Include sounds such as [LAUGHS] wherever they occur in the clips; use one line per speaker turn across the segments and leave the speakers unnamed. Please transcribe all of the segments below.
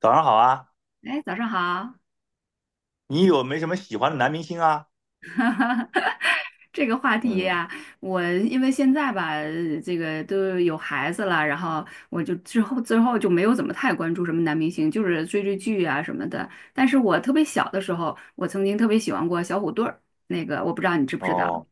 早上好啊，
哎，早上好。
你有没什么喜欢的男明星啊？
[LAUGHS] 这个话题
嗯，
呀、我因为现在吧，这个都有孩子了，然后我就之后就没有怎么太关注什么男明星，就是追追剧啊什么的。但是我特别小的时候，我曾经特别喜欢过小虎队儿，那个我不知道你知不知道。
哦，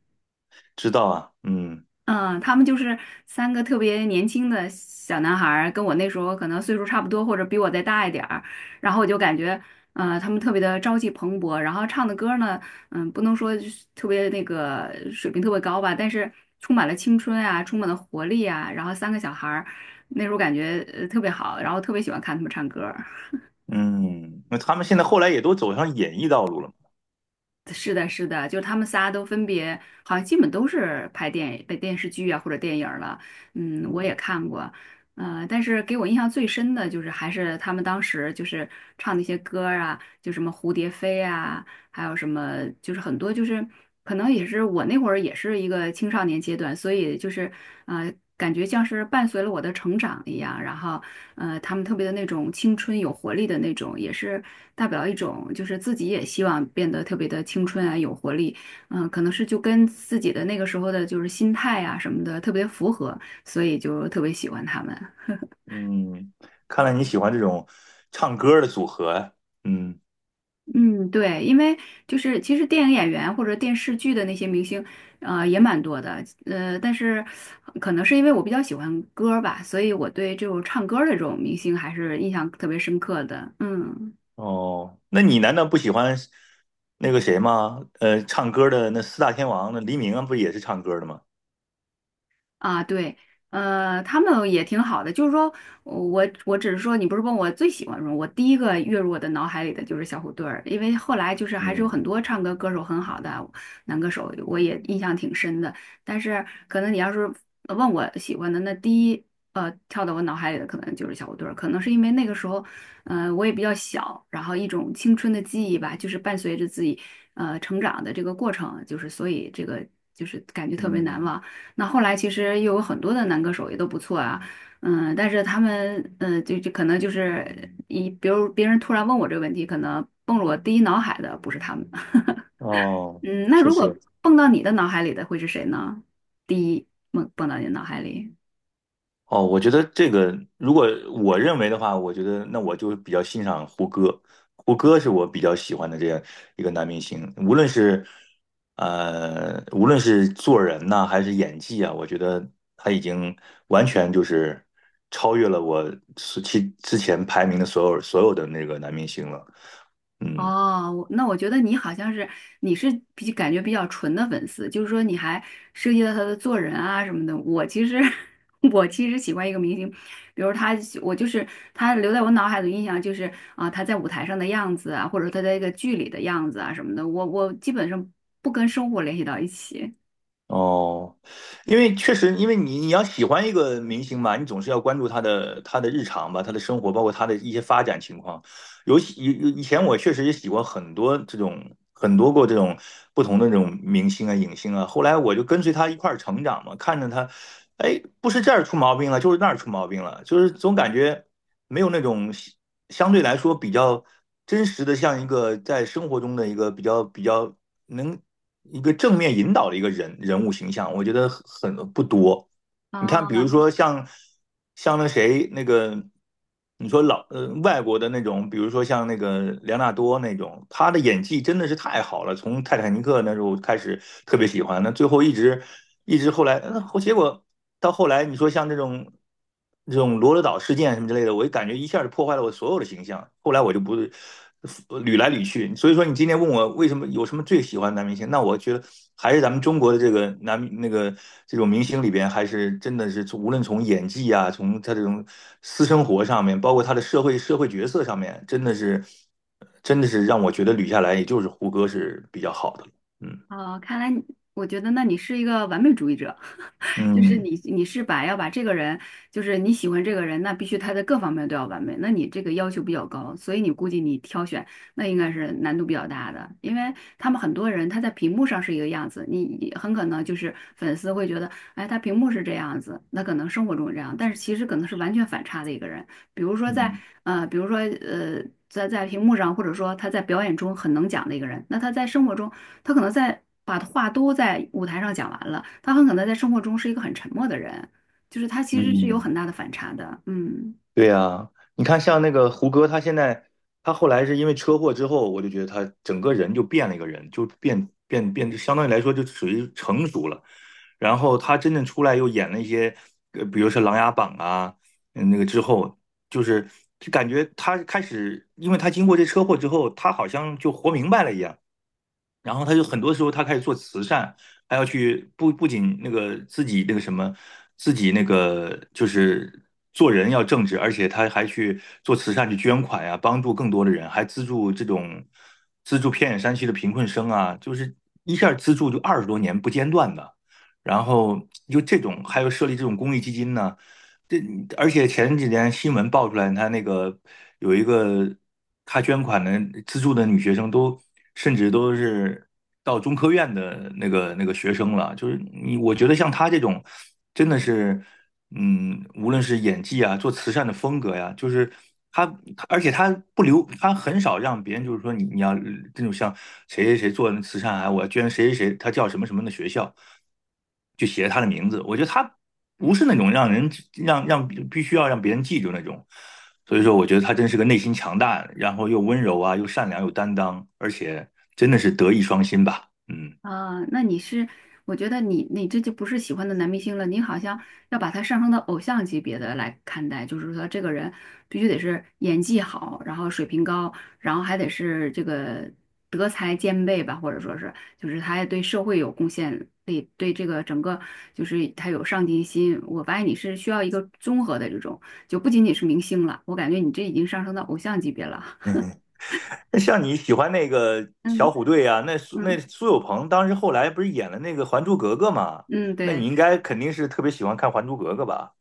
知道啊，嗯
嗯，他们就是三个特别年轻的小男孩儿，跟我那时候可能岁数差不多，或者比我再大一点儿。然后我就感觉，他们特别的朝气蓬勃，然后唱的歌呢，嗯，不能说就是特别那个水平特别高吧，但是充满了青春啊，充满了活力啊。然后三个小孩儿，那时候感觉特别好，然后特别喜欢看他们唱歌。
嗯，那他们现在后来也都走上演艺道路了嘛，
是的，是的，就是他们仨都分别，好像基本都是拍电影、拍电视剧啊或者电影儿了。嗯，我也
嗯
看过，但是给我印象最深的就是还是他们当时就是唱那些歌儿啊，就什么蝴蝶飞啊，还有什么就是很多就是可能也是我那会儿也是一个青少年阶段，所以就是感觉像是伴随了我的成长一样，然后他们特别的那种青春有活力的那种，也是代表一种，就是自己也希望变得特别的青春啊，有活力。嗯、可能是就跟自己的那个时候的就是心态啊什么的特别符合，所以就特别喜欢他们。[LAUGHS]
嗯，看来你喜欢这种唱歌的组合啊，嗯，
嗯，对，因为就是其实电影演员或者电视剧的那些明星，也蛮多的，但是可能是因为我比较喜欢歌儿吧，所以我对这种唱歌儿的这种明星还是印象特别深刻的。嗯。
哦，那你难道不喜欢那个谁吗？唱歌的那四大天王，那黎明啊，不也是唱歌的吗？
啊，对，他们也挺好的，就是说我只是说，你不是问我最喜欢什么，我第一个跃入我的脑海里的就是小虎队儿，因为后来就是还是有很
嗯
多唱歌歌手很好的男歌手，我也印象挺深的。但是可能你要是问我喜欢的，那第一跳到我脑海里的可能就是小虎队儿，可能是因为那个时候，我也比较小，然后一种青春的记忆吧，就是伴随着自己成长的这个过程，就是所以这个就是感觉特别难
嗯，
忘。那后来其实又有很多的男歌手也都不错啊，嗯，但是他们，就可能就是一，比如别人突然问我这个问题，可能蹦入我第一脑海的不是他们。[LAUGHS]
哦，
嗯，那
确
如果
实，
蹦到你的脑海里的会是谁呢？第一蹦到你的脑海里。
哦，我觉得这个，如果我认为的话，我觉得那我就比较欣赏胡歌，胡歌是我比较喜欢的这样一个男明星，无论是做人呐、还是演技啊，我觉得他已经完全就是超越了我之前排名的所有的那个男明星了，嗯。
哦，我那我觉得你好像是你是比感觉比较纯的粉丝，就是说你还涉及到他的做人啊什么的。我其实 [LAUGHS] 我其实喜欢一个明星，比如他，我就是他留在我脑海的印象就是啊、他在舞台上的样子啊，或者他在一个剧里的样子啊什么的。我基本上不跟生活联系到一起。
哦，因为确实，因为你要喜欢一个明星嘛，你总是要关注他的日常吧，他的生活，包括他的一些发展情况。尤其以前我确实也喜欢很多这种很多过这种不同的这种明星啊、影星啊。后来我就跟随他一块儿成长嘛，看着他，哎，不是这儿出毛病了，就是那儿出毛病了，就是总感觉没有那种相对来说比较真实的，像一个在生活中的一个比较。能一个正面引导的一个人物形象，我觉得很不多。你
啊
看，比如说像那谁那个，你说老外国的那种，比如说像那个梁昂纳多那种，他的演技真的是太好了。从泰坦尼克那时候开始特别喜欢，那最后一直后来，嗯，结果到后来你说像这种罗德岛事件什么之类的，我感觉一下就破坏了我所有的形象。后来我就不捋来捋去，所以说你今天问我为什么有什么最喜欢的男明星，那我觉得还是咱们中国的这个男那个这种明星里边，还是真的是无论从演技啊，从他这种私生活上面，包括他的社会角色上面，真的是让我觉得捋下来，也就是胡歌是比较好的了嗯
啊，看来你我觉得那你是一个完美主义者。就是
嗯
你是把要把这个人，就是你喜欢这个人，那必须他在各方面都要完美，那你这个要求比较高，所以你估计你挑选那应该是难度比较大的，因为他们很多人他在屏幕上是一个样子，你很可能就是粉丝会觉得，哎，他屏幕是这样子，那可能生活中是这样，但是其实可能是完全反差的一个人，比如说在
嗯
呃，比如说呃。在屏幕上，或者说他在表演中很能讲的一个人，那他在生活中他可能在把话都在舞台上讲完了，他很可能在生活中是一个很沉默的人，就是他其实是有很
嗯。
大的反差的。嗯。
对呀，你看像那个胡歌，他现在他后来是因为车祸之后，我就觉得他整个人就变了一个人，就变，就相当于来说就属于成熟了。然后他真正出来又演了一些，比如说《琅琊榜》啊，嗯那个之后，就是感觉他开始，因为他经过这车祸之后，他好像就活明白了一样，然后他就很多时候他开始做慈善，还要去不仅那个自己那个什么，自己那个就是做人要正直，而且他还去做慈善去捐款呀、帮助更多的人，还资助偏远山区的贫困生啊，就是一下资助就20多年不间断的。然后就这种，还有设立这种公益基金呢，这而且前几天新闻爆出来，他那个有一个他捐款的资助的女学生都，甚至都是到中科院的那个学生了。就是你，我觉得像他这种，真的是，嗯，无论是演技啊，做慈善的风格呀，就是他，而且他不留，他很少让别人就是说你要这种像谁谁谁做慈善啊，我要捐谁谁谁，他叫什么什么的学校，就写他的名字。我觉得他不是那种让必须要让别人记住那种。所以说，我觉得他真是个内心强大，然后又温柔啊，又善良，又担当，而且真的是德艺双馨吧。嗯。
啊，那你是，我觉得你这就不是喜欢的男明星了，你好像要把他上升到偶像级别的来看待，就是说这个人必须得是演技好，然后水平高，然后还得是这个德才兼备吧，或者说是就是他还对社会有贡献对这个整个就是他有上进心。我发现你是需要一个综合的这种，就不仅仅是明星了，我感觉你这已经上升到偶像级别了。
嗯嗯那像你喜欢那个
[LAUGHS]
小
嗯
虎队啊，那
嗯
苏有朋当时后来不是演了那个《还珠格格》嘛？
嗯，
那你
对。
应该肯定是特别喜欢看《还珠格格》吧？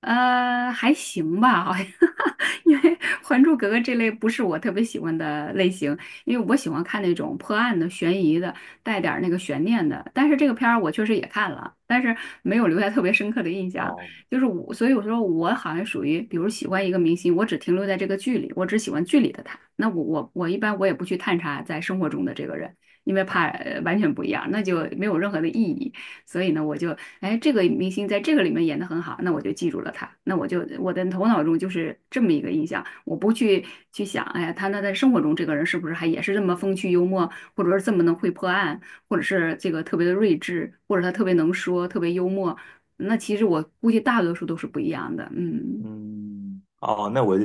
还行吧，好像。[LAUGHS] 因为《还珠格格》这类不是我特别喜欢的类型，因为我喜欢看那种破案的、悬疑的，带点儿那个悬念的。但是这个片儿我确实也看了，但是没有留下特别深刻的印象。
哦
就是我，所以我说我好像属于，比如喜欢一个明星，我只停留在这个剧里，我只喜欢剧里的他。那我一般我也不去探查在生活中的这个人，因为怕
啊，
完全不一样，那就没有任何的意义。所以呢，我就哎，这个明星在这个里面演得很好，那我就记住了他。那我就我的头脑中就是这么一个印象，我不去去想，哎呀，他那在生活中这个人是不是还也是这么风趣幽默，或者是这么能会破案，或者是这个特别的睿智，或者他特别能说，特别幽默。那其实我估计大多数都是不一样的。嗯。
嗯，哦，那我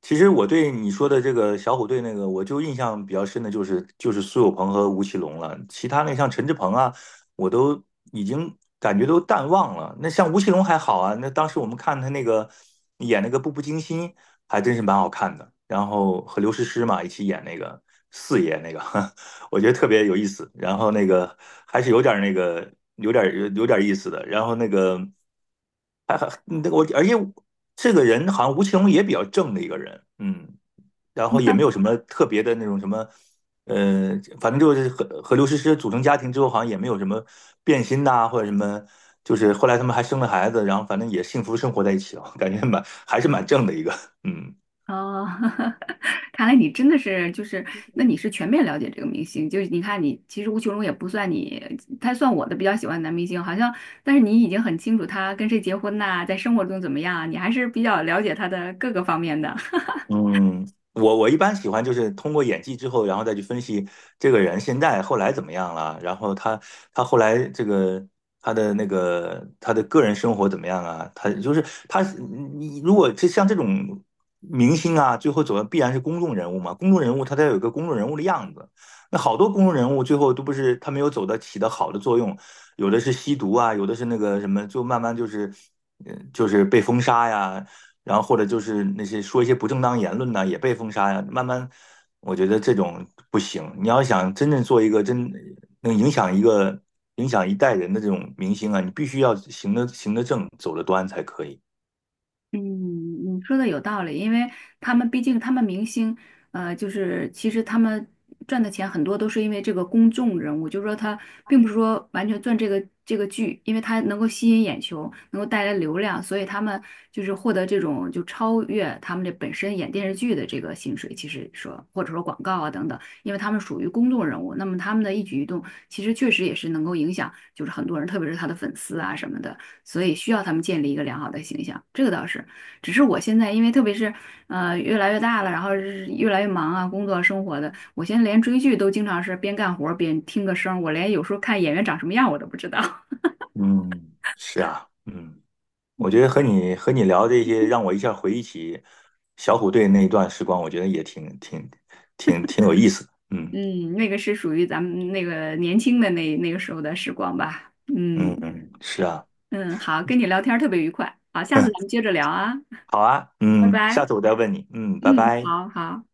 其实我对你说的这个小虎队那个，我就印象比较深的就是苏有朋和吴奇隆了，其他那像陈志朋啊，我都已经感觉都淡忘了。那像吴奇隆还好啊，那当时我们看他那个演那个《步步惊心》，还真是蛮好看的。然后和刘诗诗嘛一起演那个四爷那个，[LAUGHS] 我觉得特别有意思。然后那个还是有点儿那个有点儿有点儿意思的。然后那个。还那个我，而且这个人好像吴奇隆也比较正的一个人，嗯，然后也没有什么特别的那种什么，呃，反正就是和刘诗诗组成家庭之后，好像也没有什么变心呐、或者什么，就是后来他们还生了孩子，然后反正也幸福生活在一起了，感觉蛮还是蛮正的一个，嗯。
哦。[LAUGHS] 看来你真的是就是，那你是全面了解这个明星，就是你看你其实吴奇隆也不算你，他算我的比较喜欢的男明星，好像，但是你已经很清楚他跟谁结婚呐、在生活中怎么样啊，你还是比较了解他的各个方面的。
嗯，我一般喜欢就是通过演技之后，然后再去分析这个人现在后来怎么样了，然后他后来这个他的个人生活怎么样啊？他就是他，你如果就像这种明星啊，最后走的必然是公众人物嘛，公众人物他得有一个公众人物的样子。那好多公众人物最后都不是他没有起到好的作用，有的是吸毒啊，有的是那个什么，就慢慢就是，就是被封杀呀，然后或者就是那些说一些不正当言论呢，也被封杀呀、慢慢，我觉得这种不行。你要想真正做一个能影响一代人的这种明星啊，你必须要行得正，走得端才可以。
嗯，你说的有道理，因为他们毕竟他们明星，就是其实他们赚的钱很多都是因为这个公众人物，就是说他并不是说完全赚这个剧，因为他能够吸引眼球，能够带来流量，所以他们就是获得这种就超越他们这本身演电视剧的这个薪水，其实说或者说广告啊等等，因为他们属于公众人物，那么他们的一举一动其实确实也是能够影响，就是很多人，特别是他的粉丝啊什么的。所以需要他们建立一个良好的形象，这个倒是。只是我现在因为特别是越来越大了，然后是越来越忙啊，工作生活的，我现在连追剧都经常是边干活儿边听个声儿，我连有时候看演员长什么样我都不知道。[LAUGHS]
嗯，是啊，嗯，我觉
嗯
得和你聊这些，让我一下回忆起小虎队那一段时光，我觉得也挺有意思的。嗯
嗯，那个是属于咱们那个年轻的那个时候的时光吧。
嗯
嗯
嗯，是啊，
嗯，好，跟你聊天儿特别愉快，好，下次咱
[LAUGHS]
们接着聊啊，
好啊，
拜
嗯，
拜。
下次我再问你。嗯，拜
嗯，
拜。
好好。